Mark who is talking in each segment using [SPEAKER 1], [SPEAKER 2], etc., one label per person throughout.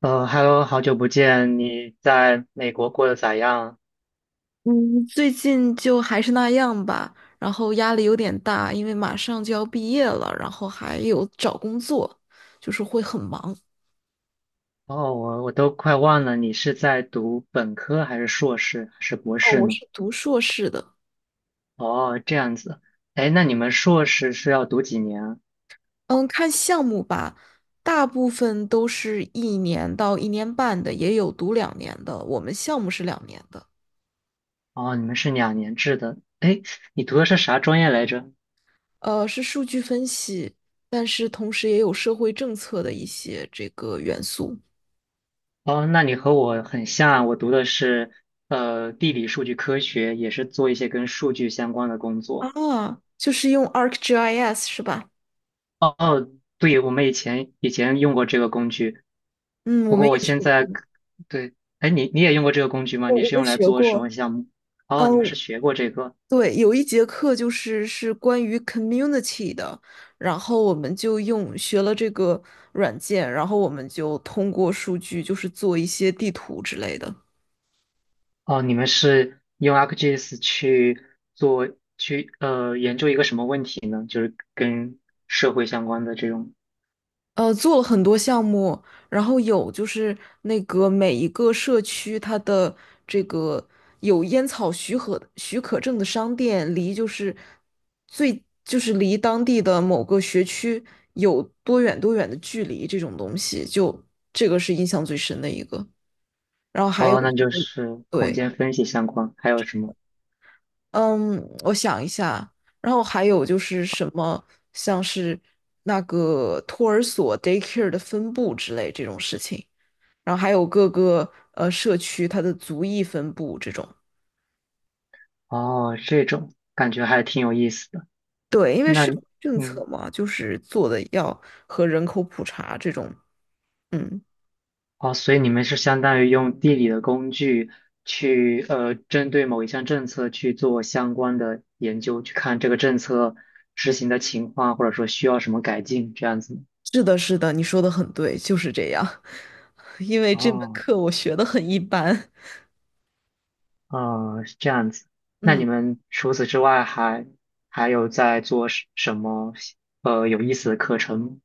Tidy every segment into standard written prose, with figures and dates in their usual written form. [SPEAKER 1] 嗯，Hello，好久不见，你在美国过得咋样？
[SPEAKER 2] 嗯，最近就还是那样吧，然后压力有点大，因为马上就要毕业了，然后还有找工作，就是会很忙。
[SPEAKER 1] 哦，我都快忘了，你是在读本科还是硕士还是博
[SPEAKER 2] 哦，
[SPEAKER 1] 士
[SPEAKER 2] 我
[SPEAKER 1] 呢？
[SPEAKER 2] 是读硕士的。
[SPEAKER 1] 哦，这样子，哎，那你们硕士是要读几年啊。
[SPEAKER 2] 嗯，看项目吧，大部分都是一年到1年半的，也有读两年的，我们项目是两年的。
[SPEAKER 1] 哦，你们是2年制的。哎，你读的是啥专业来着？
[SPEAKER 2] 是数据分析，但是同时也有社会政策的一些这个元素。
[SPEAKER 1] 哦，那你和我很像，我读的是地理数据科学，也是做一些跟数据相关的工作。
[SPEAKER 2] 啊，就是用 ArcGIS 是吧？
[SPEAKER 1] 哦，对，我们以前用过这个工具。
[SPEAKER 2] 嗯，
[SPEAKER 1] 不
[SPEAKER 2] 我们
[SPEAKER 1] 过我
[SPEAKER 2] 也学
[SPEAKER 1] 现在，
[SPEAKER 2] 过，
[SPEAKER 1] 对，哎，你也用过这个工具吗？
[SPEAKER 2] 我
[SPEAKER 1] 你
[SPEAKER 2] 我
[SPEAKER 1] 是
[SPEAKER 2] 们
[SPEAKER 1] 用来
[SPEAKER 2] 学
[SPEAKER 1] 做什
[SPEAKER 2] 过。
[SPEAKER 1] 么项目？哦，你们
[SPEAKER 2] 哦，
[SPEAKER 1] 是学过这个，
[SPEAKER 2] 对，有一节课就是关于 community 的，然后我们就学了这个软件，然后我们就通过数据就是做一些地图之类的。
[SPEAKER 1] 哦，你们是用 ArcGIS 去做，去研究一个什么问题呢？跟社会相关的这种，
[SPEAKER 2] 做了很多项目，然后有就是那个每一个社区它的这个有烟草许可证的商店，离就是最就是离当地的某个学区有多远多远的距离，这种东西就这个是印象最深的一个。然后还有
[SPEAKER 1] 哦，
[SPEAKER 2] 就
[SPEAKER 1] 那就
[SPEAKER 2] 是
[SPEAKER 1] 是空
[SPEAKER 2] 对，
[SPEAKER 1] 间分析相关，还有什么？
[SPEAKER 2] 嗯，我想一下，然后还有就是什么像是那个托儿所 daycare 的分布之类这种事情。然后还有各个呃社区它的族裔分布这种。
[SPEAKER 1] 哦，这种感觉还挺有意思的。
[SPEAKER 2] 对，因为
[SPEAKER 1] 那
[SPEAKER 2] 是
[SPEAKER 1] 你
[SPEAKER 2] 政策
[SPEAKER 1] 嗯，
[SPEAKER 2] 嘛，就是做的要和人口普查这种。嗯，
[SPEAKER 1] 哦，所以你们是相当于用地理的工具去，针对某一项政策去做相关的研究，去看这个政策执行的情况，或者说需要什么改进，这样子吗。
[SPEAKER 2] 是的，是的，你说的很对，就是这样。因为这门
[SPEAKER 1] 哦，
[SPEAKER 2] 课我学的很一般。
[SPEAKER 1] 是这样子。那你
[SPEAKER 2] 嗯。
[SPEAKER 1] 们除此之外还有在做什么有意思的课程吗？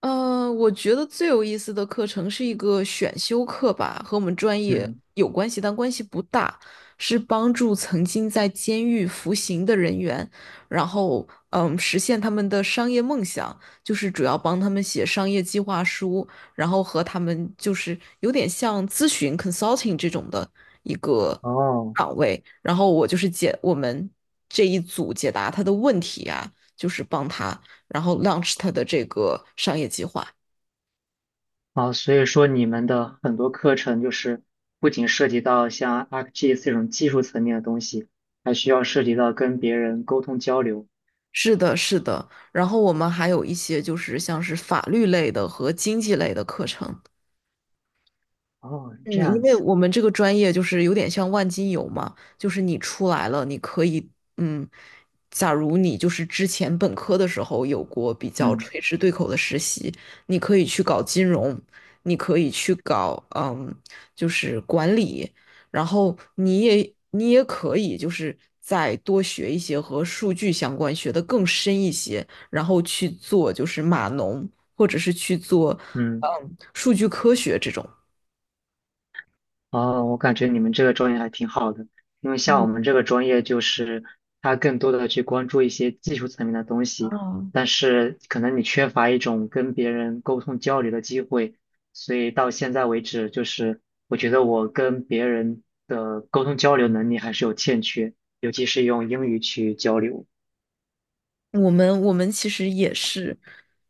[SPEAKER 2] 我觉得最有意思的课程是一个选修课吧，和我们专业
[SPEAKER 1] 嗯，
[SPEAKER 2] 有关系，但关系不大，是帮助曾经在监狱服刑的人员，然后实现他们的商业梦想，就是主要帮他们写商业计划书，然后和他们就是有点像咨询 consulting 这种的一个
[SPEAKER 1] 哦。
[SPEAKER 2] 岗位，然后我就是我们这一组解答他的问题啊，就是帮他。然后 launch 它的这个商业计划。
[SPEAKER 1] 啊，所以说你们的很多课程就是不仅涉及到像 ArcGIS 这种技术层面的东西，还需要涉及到跟别人沟通交流。
[SPEAKER 2] 是的，是的。然后我们还有一些就是像是法律类的和经济类的课程。
[SPEAKER 1] 哦，这
[SPEAKER 2] 嗯，因
[SPEAKER 1] 样
[SPEAKER 2] 为
[SPEAKER 1] 子，
[SPEAKER 2] 我们这个专业就是有点像万金油嘛，就是你出来了，你可以，嗯，假如你就是之前本科的时候有过比较
[SPEAKER 1] 嗯
[SPEAKER 2] 垂直对口的实习，你可以去搞金融，你可以去搞，就是管理，然后你也可以就是再多学一些和数据相关，学得更深一些，然后去做就是码农，或者是去做，
[SPEAKER 1] 嗯。
[SPEAKER 2] 数据科学这种。
[SPEAKER 1] 哦，我感觉你们这个专业还挺好的，因为像我们这个专业，就是它更多的去关注一些技术层面的东西，
[SPEAKER 2] 嗯，
[SPEAKER 1] 但是可能你缺乏一种跟别人沟通交流的机会，所以到现在为止，就是我觉得我跟别人的沟通交流能力还是有欠缺，尤其是用英语去交流。
[SPEAKER 2] 我们其实也是，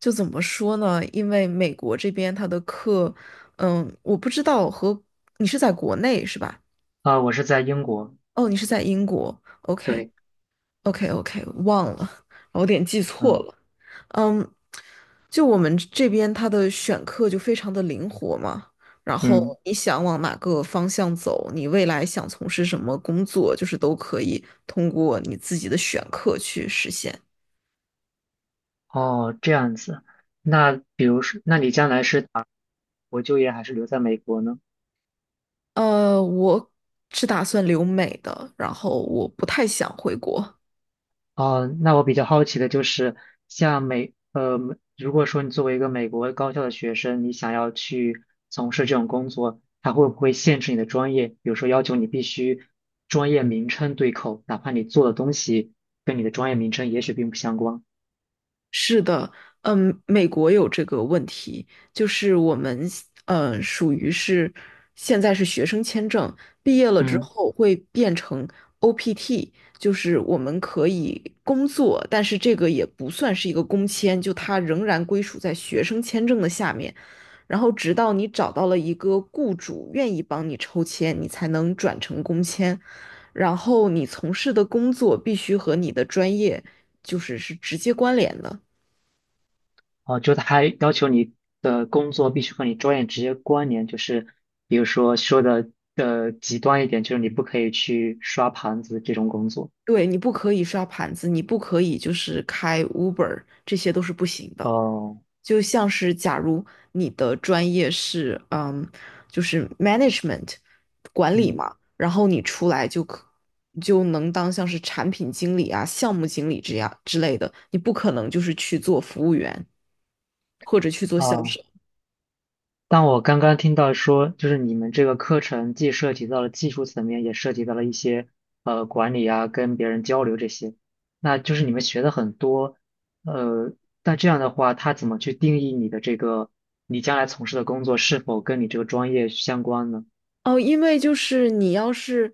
[SPEAKER 2] 就怎么说呢？因为美国这边它的课，我不知道和你是在国内是吧？
[SPEAKER 1] 啊，我是在英国，
[SPEAKER 2] 哦，你是在英国，OK
[SPEAKER 1] 对，
[SPEAKER 2] OK OK，忘了，我有点记错
[SPEAKER 1] 嗯
[SPEAKER 2] 了。嗯，就我们这边他的选课就非常的灵活嘛，然后
[SPEAKER 1] 嗯，
[SPEAKER 2] 你想往哪个方向走，你未来想从事什么工作，就是都可以通过你自己的选课去实现。
[SPEAKER 1] 哦，这样子，那比如说，那你将来是打国就业还是留在美国呢？
[SPEAKER 2] 我是打算留美的，然后我不太想回国。
[SPEAKER 1] 哦，那我比较好奇的就是，像美，呃，如果说你作为一个美国高校的学生，你想要去从事这种工作，它会不会限制你的专业？比如说要求你必须专业名称对口，哪怕你做的东西跟你的专业名称也许并不相关。
[SPEAKER 2] 是的，嗯，美国有这个问题，就是我们属于是现在是学生签证，毕业了之
[SPEAKER 1] 嗯，
[SPEAKER 2] 后会变成 OPT，就是我们可以工作，但是这个也不算是一个工签，就它仍然归属在学生签证的下面，然后直到你找到了一个雇主愿意帮你抽签，你才能转成工签，然后你从事的工作必须和你的专业是直接关联的。
[SPEAKER 1] 哦，就它还要求你的工作必须和你专业直接关联，就是比如说的极端一点，就是你不可以去刷盘子这种工作。
[SPEAKER 2] 对，你不可以刷盘子，你不可以就是开 Uber，这些都是不行的。
[SPEAKER 1] 哦，
[SPEAKER 2] 就像是假如你的专业是就是 management 管理
[SPEAKER 1] 嗯。
[SPEAKER 2] 嘛，然后你出来就能当像是产品经理啊、项目经理这样之类的，你不可能就是去做服务员或者去做销
[SPEAKER 1] 啊，
[SPEAKER 2] 售。
[SPEAKER 1] 但我刚刚听到说，就是你们这个课程既涉及到了技术层面，也涉及到了一些管理啊，跟别人交流这些。那就是你们学的很多，呃，但这样的话，他怎么去定义你的这个你将来从事的工作是否跟你这个专业相关呢？
[SPEAKER 2] 哦，因为就是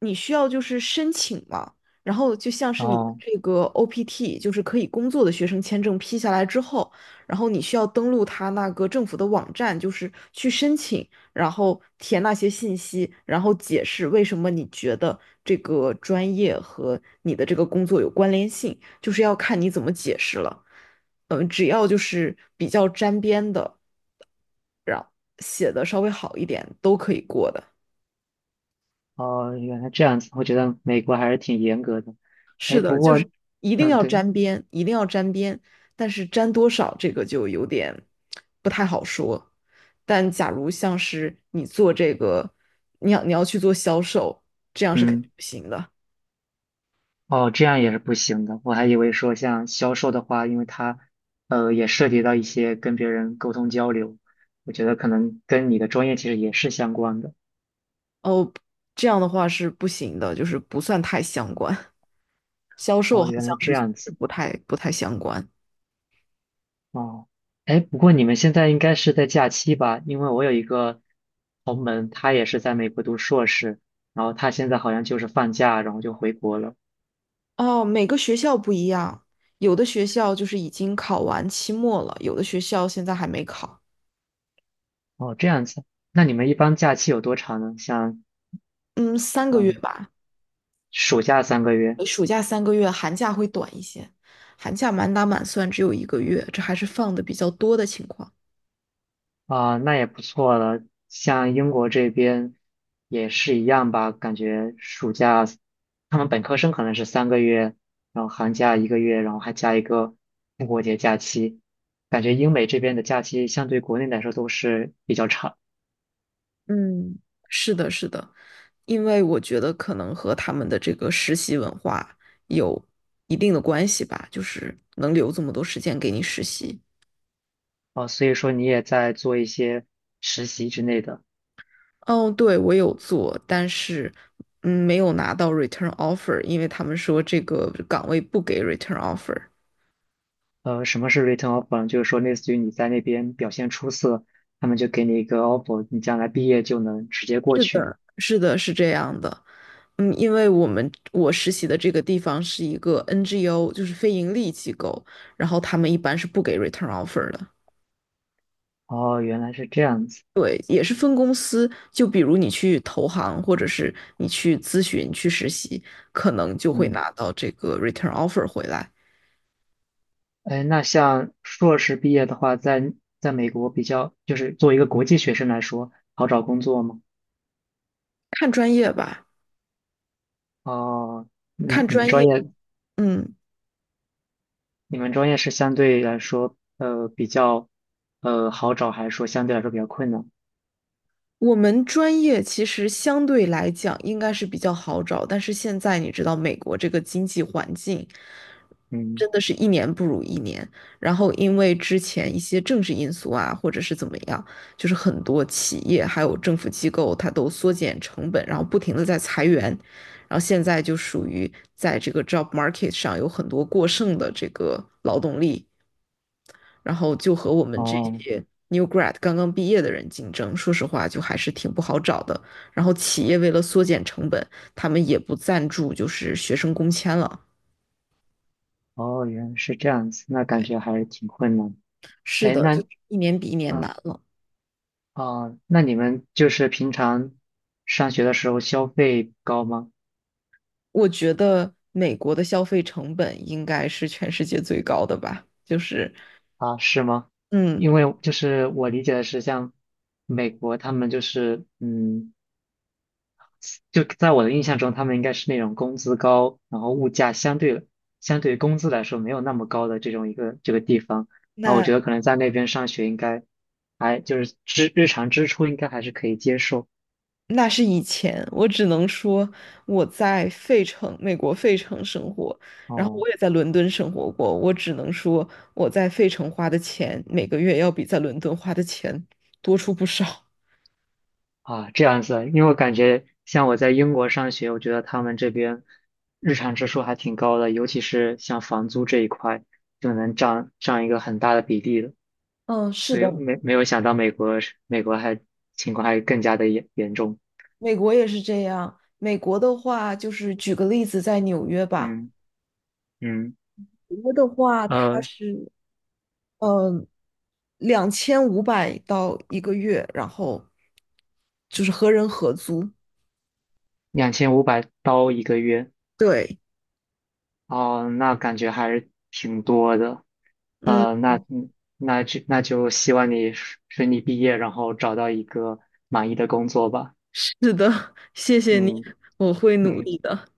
[SPEAKER 2] 你需要就是申请嘛，然后就像是你的
[SPEAKER 1] 哦
[SPEAKER 2] 这个 OPT，就是可以工作的学生签证批下来之后，然后你需要登录他那个政府的网站，就是去申请，然后填那些信息，然后解释为什么你觉得这个专业和你的这个工作有关联性，就是要看你怎么解释了。嗯，只要就是比较沾边的，然后写的稍微好一点，都可以过的。
[SPEAKER 1] 哦，原来这样子，我觉得美国还是挺严格的。哎，
[SPEAKER 2] 是的，
[SPEAKER 1] 不
[SPEAKER 2] 就是
[SPEAKER 1] 过，
[SPEAKER 2] 一定
[SPEAKER 1] 嗯，
[SPEAKER 2] 要
[SPEAKER 1] 对，
[SPEAKER 2] 沾边，一定要沾边，但是沾多少这个就有点不太好说。但假如像是你做这个，你要去做销售，这样是肯定
[SPEAKER 1] 嗯。
[SPEAKER 2] 不行的。
[SPEAKER 1] 哦，这样也是不行的。我还以为说像销售的话，因为它，也涉及到一些跟别人沟通交流，我觉得可能跟你的专业其实也是相关的。
[SPEAKER 2] 哦，这样的话是不行的，就是不算太相关。销售
[SPEAKER 1] 哦，
[SPEAKER 2] 好
[SPEAKER 1] 原
[SPEAKER 2] 像
[SPEAKER 1] 来这
[SPEAKER 2] 是就
[SPEAKER 1] 样
[SPEAKER 2] 是
[SPEAKER 1] 子。
[SPEAKER 2] 不太相关。
[SPEAKER 1] 哦，哎，不过你们现在应该是在假期吧？因为我有一个同门，他也是在美国读硕士，然后他现在好像就是放假，然后就回国了。
[SPEAKER 2] 哦，每个学校不一样，有的学校就是已经考完期末了，有的学校现在还没考。
[SPEAKER 1] 哦，这样子。那你们一般假期有多长呢？像，
[SPEAKER 2] 嗯，三个月
[SPEAKER 1] 嗯，
[SPEAKER 2] 吧。
[SPEAKER 1] 暑假三个月。
[SPEAKER 2] 暑假三个月，寒假会短一些，寒假满打满算只有一个月，这还是放的比较多的情况。
[SPEAKER 1] 啊，那也不错了。像英国这边也是一样吧，感觉暑假他们本科生可能是三个月，然后寒假一个月，然后还加一个复活节假期。感觉英美这边的假期相对国内来说都是比较长。
[SPEAKER 2] 嗯，是的，是的，因为我觉得可能和他们的这个实习文化有一定的关系吧，就是能留这么多时间给你实习。
[SPEAKER 1] 啊，所以说你也在做一些实习之类的。
[SPEAKER 2] 哦，对，我有做，但是没有拿到 return offer，因为他们说这个岗位不给 return offer。
[SPEAKER 1] 什么是 return offer？呢？就是说类似于你在那边表现出色，他们就给你一个 offer，你将来毕业就能直接过
[SPEAKER 2] 是
[SPEAKER 1] 去。
[SPEAKER 2] 的，是的，是这样的。嗯，因为我实习的这个地方是一个 NGO，就是非盈利机构，然后他们一般是不给 return offer 的。
[SPEAKER 1] 哦，原来是这样子。
[SPEAKER 2] 对，也是分公司，就比如你去投行，或者是你去咨询、去实习，可能就会
[SPEAKER 1] 嗯。
[SPEAKER 2] 拿到这个 return offer 回来。
[SPEAKER 1] 哎，那像硕士毕业的话，在美国比较，就是作为一个国际学生来说，好找工作吗？
[SPEAKER 2] 看专业吧，
[SPEAKER 1] 哦，嗯，
[SPEAKER 2] 看
[SPEAKER 1] 你们
[SPEAKER 2] 专
[SPEAKER 1] 专
[SPEAKER 2] 业。
[SPEAKER 1] 业，
[SPEAKER 2] 嗯，
[SPEAKER 1] 你们专业是相对来说，比较，好找，还是说相对来说比较困难？
[SPEAKER 2] 我们专业其实相对来讲应该是比较好找，但是现在你知道美国这个经济环境真
[SPEAKER 1] 嗯，
[SPEAKER 2] 的是一年不如一年，然后因为之前一些政治因素啊，或者是怎么样，就是很多企业还有政府机构它都缩减成本，然后不停的在裁员，然后现在就属于在这个 job market 上有很多过剩的这个劳动力。然后就和我们这
[SPEAKER 1] 哦，
[SPEAKER 2] 些 new grad 刚刚毕业的人竞争，说实话就还是挺不好找的。然后企业为了缩减成本，他们也不赞助就是学生工签了。
[SPEAKER 1] 哦，原来是这样子，那感觉还是挺困难。
[SPEAKER 2] 是
[SPEAKER 1] 哎，
[SPEAKER 2] 的，
[SPEAKER 1] 那，
[SPEAKER 2] 就是一年比一年难
[SPEAKER 1] 嗯，
[SPEAKER 2] 了。
[SPEAKER 1] 哦，那你们就是平常上学的时候消费高吗？
[SPEAKER 2] 我觉得美国的消费成本应该是全世界最高的吧，就是
[SPEAKER 1] 啊，是吗？
[SPEAKER 2] 嗯，
[SPEAKER 1] 因为就是我理解的是，像美国他们就是，嗯，就在我的印象中，他们应该是那种工资高，然后物价相对于工资来说没有那么高的这种一个这个地方。然后我
[SPEAKER 2] 那
[SPEAKER 1] 觉得可能在那边上学应该还就是支日常支出应该还是可以接受。
[SPEAKER 2] 那是以前，我只能说我在费城，美国费城生活，然后
[SPEAKER 1] 哦。
[SPEAKER 2] 我也在伦敦生活过。我只能说我在费城花的钱，每个月要比在伦敦花的钱多出不少。
[SPEAKER 1] 啊，这样子，因为我感觉像我在英国上学，我觉得他们这边日常支出还挺高的，尤其是像房租这一块，就能占一个很大的比例的。
[SPEAKER 2] 嗯，是
[SPEAKER 1] 所以
[SPEAKER 2] 的，
[SPEAKER 1] 没有想到美国还情况还更加的严重。
[SPEAKER 2] 美国也是这样。美国的话，就是举个例子，在纽约吧，
[SPEAKER 1] 嗯嗯，
[SPEAKER 2] 纽约的话，它
[SPEAKER 1] 呃，
[SPEAKER 2] 是嗯2500到一个月，然后就是和人合租。
[SPEAKER 1] 2500刀一个月，
[SPEAKER 2] 对，
[SPEAKER 1] 哦，那感觉还是挺多的。
[SPEAKER 2] 嗯。
[SPEAKER 1] 那，那就希望你顺利毕业，然后找到一个满意的工作吧。
[SPEAKER 2] 是的，谢谢你，
[SPEAKER 1] 嗯。
[SPEAKER 2] 我会努
[SPEAKER 1] 嗯，
[SPEAKER 2] 力的。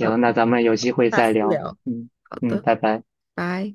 [SPEAKER 2] 好
[SPEAKER 1] 那
[SPEAKER 2] 的，
[SPEAKER 1] 咱们有机会
[SPEAKER 2] 下
[SPEAKER 1] 再
[SPEAKER 2] 次
[SPEAKER 1] 聊。
[SPEAKER 2] 聊。
[SPEAKER 1] 嗯
[SPEAKER 2] 好
[SPEAKER 1] 嗯，
[SPEAKER 2] 的，
[SPEAKER 1] 拜拜。
[SPEAKER 2] 拜。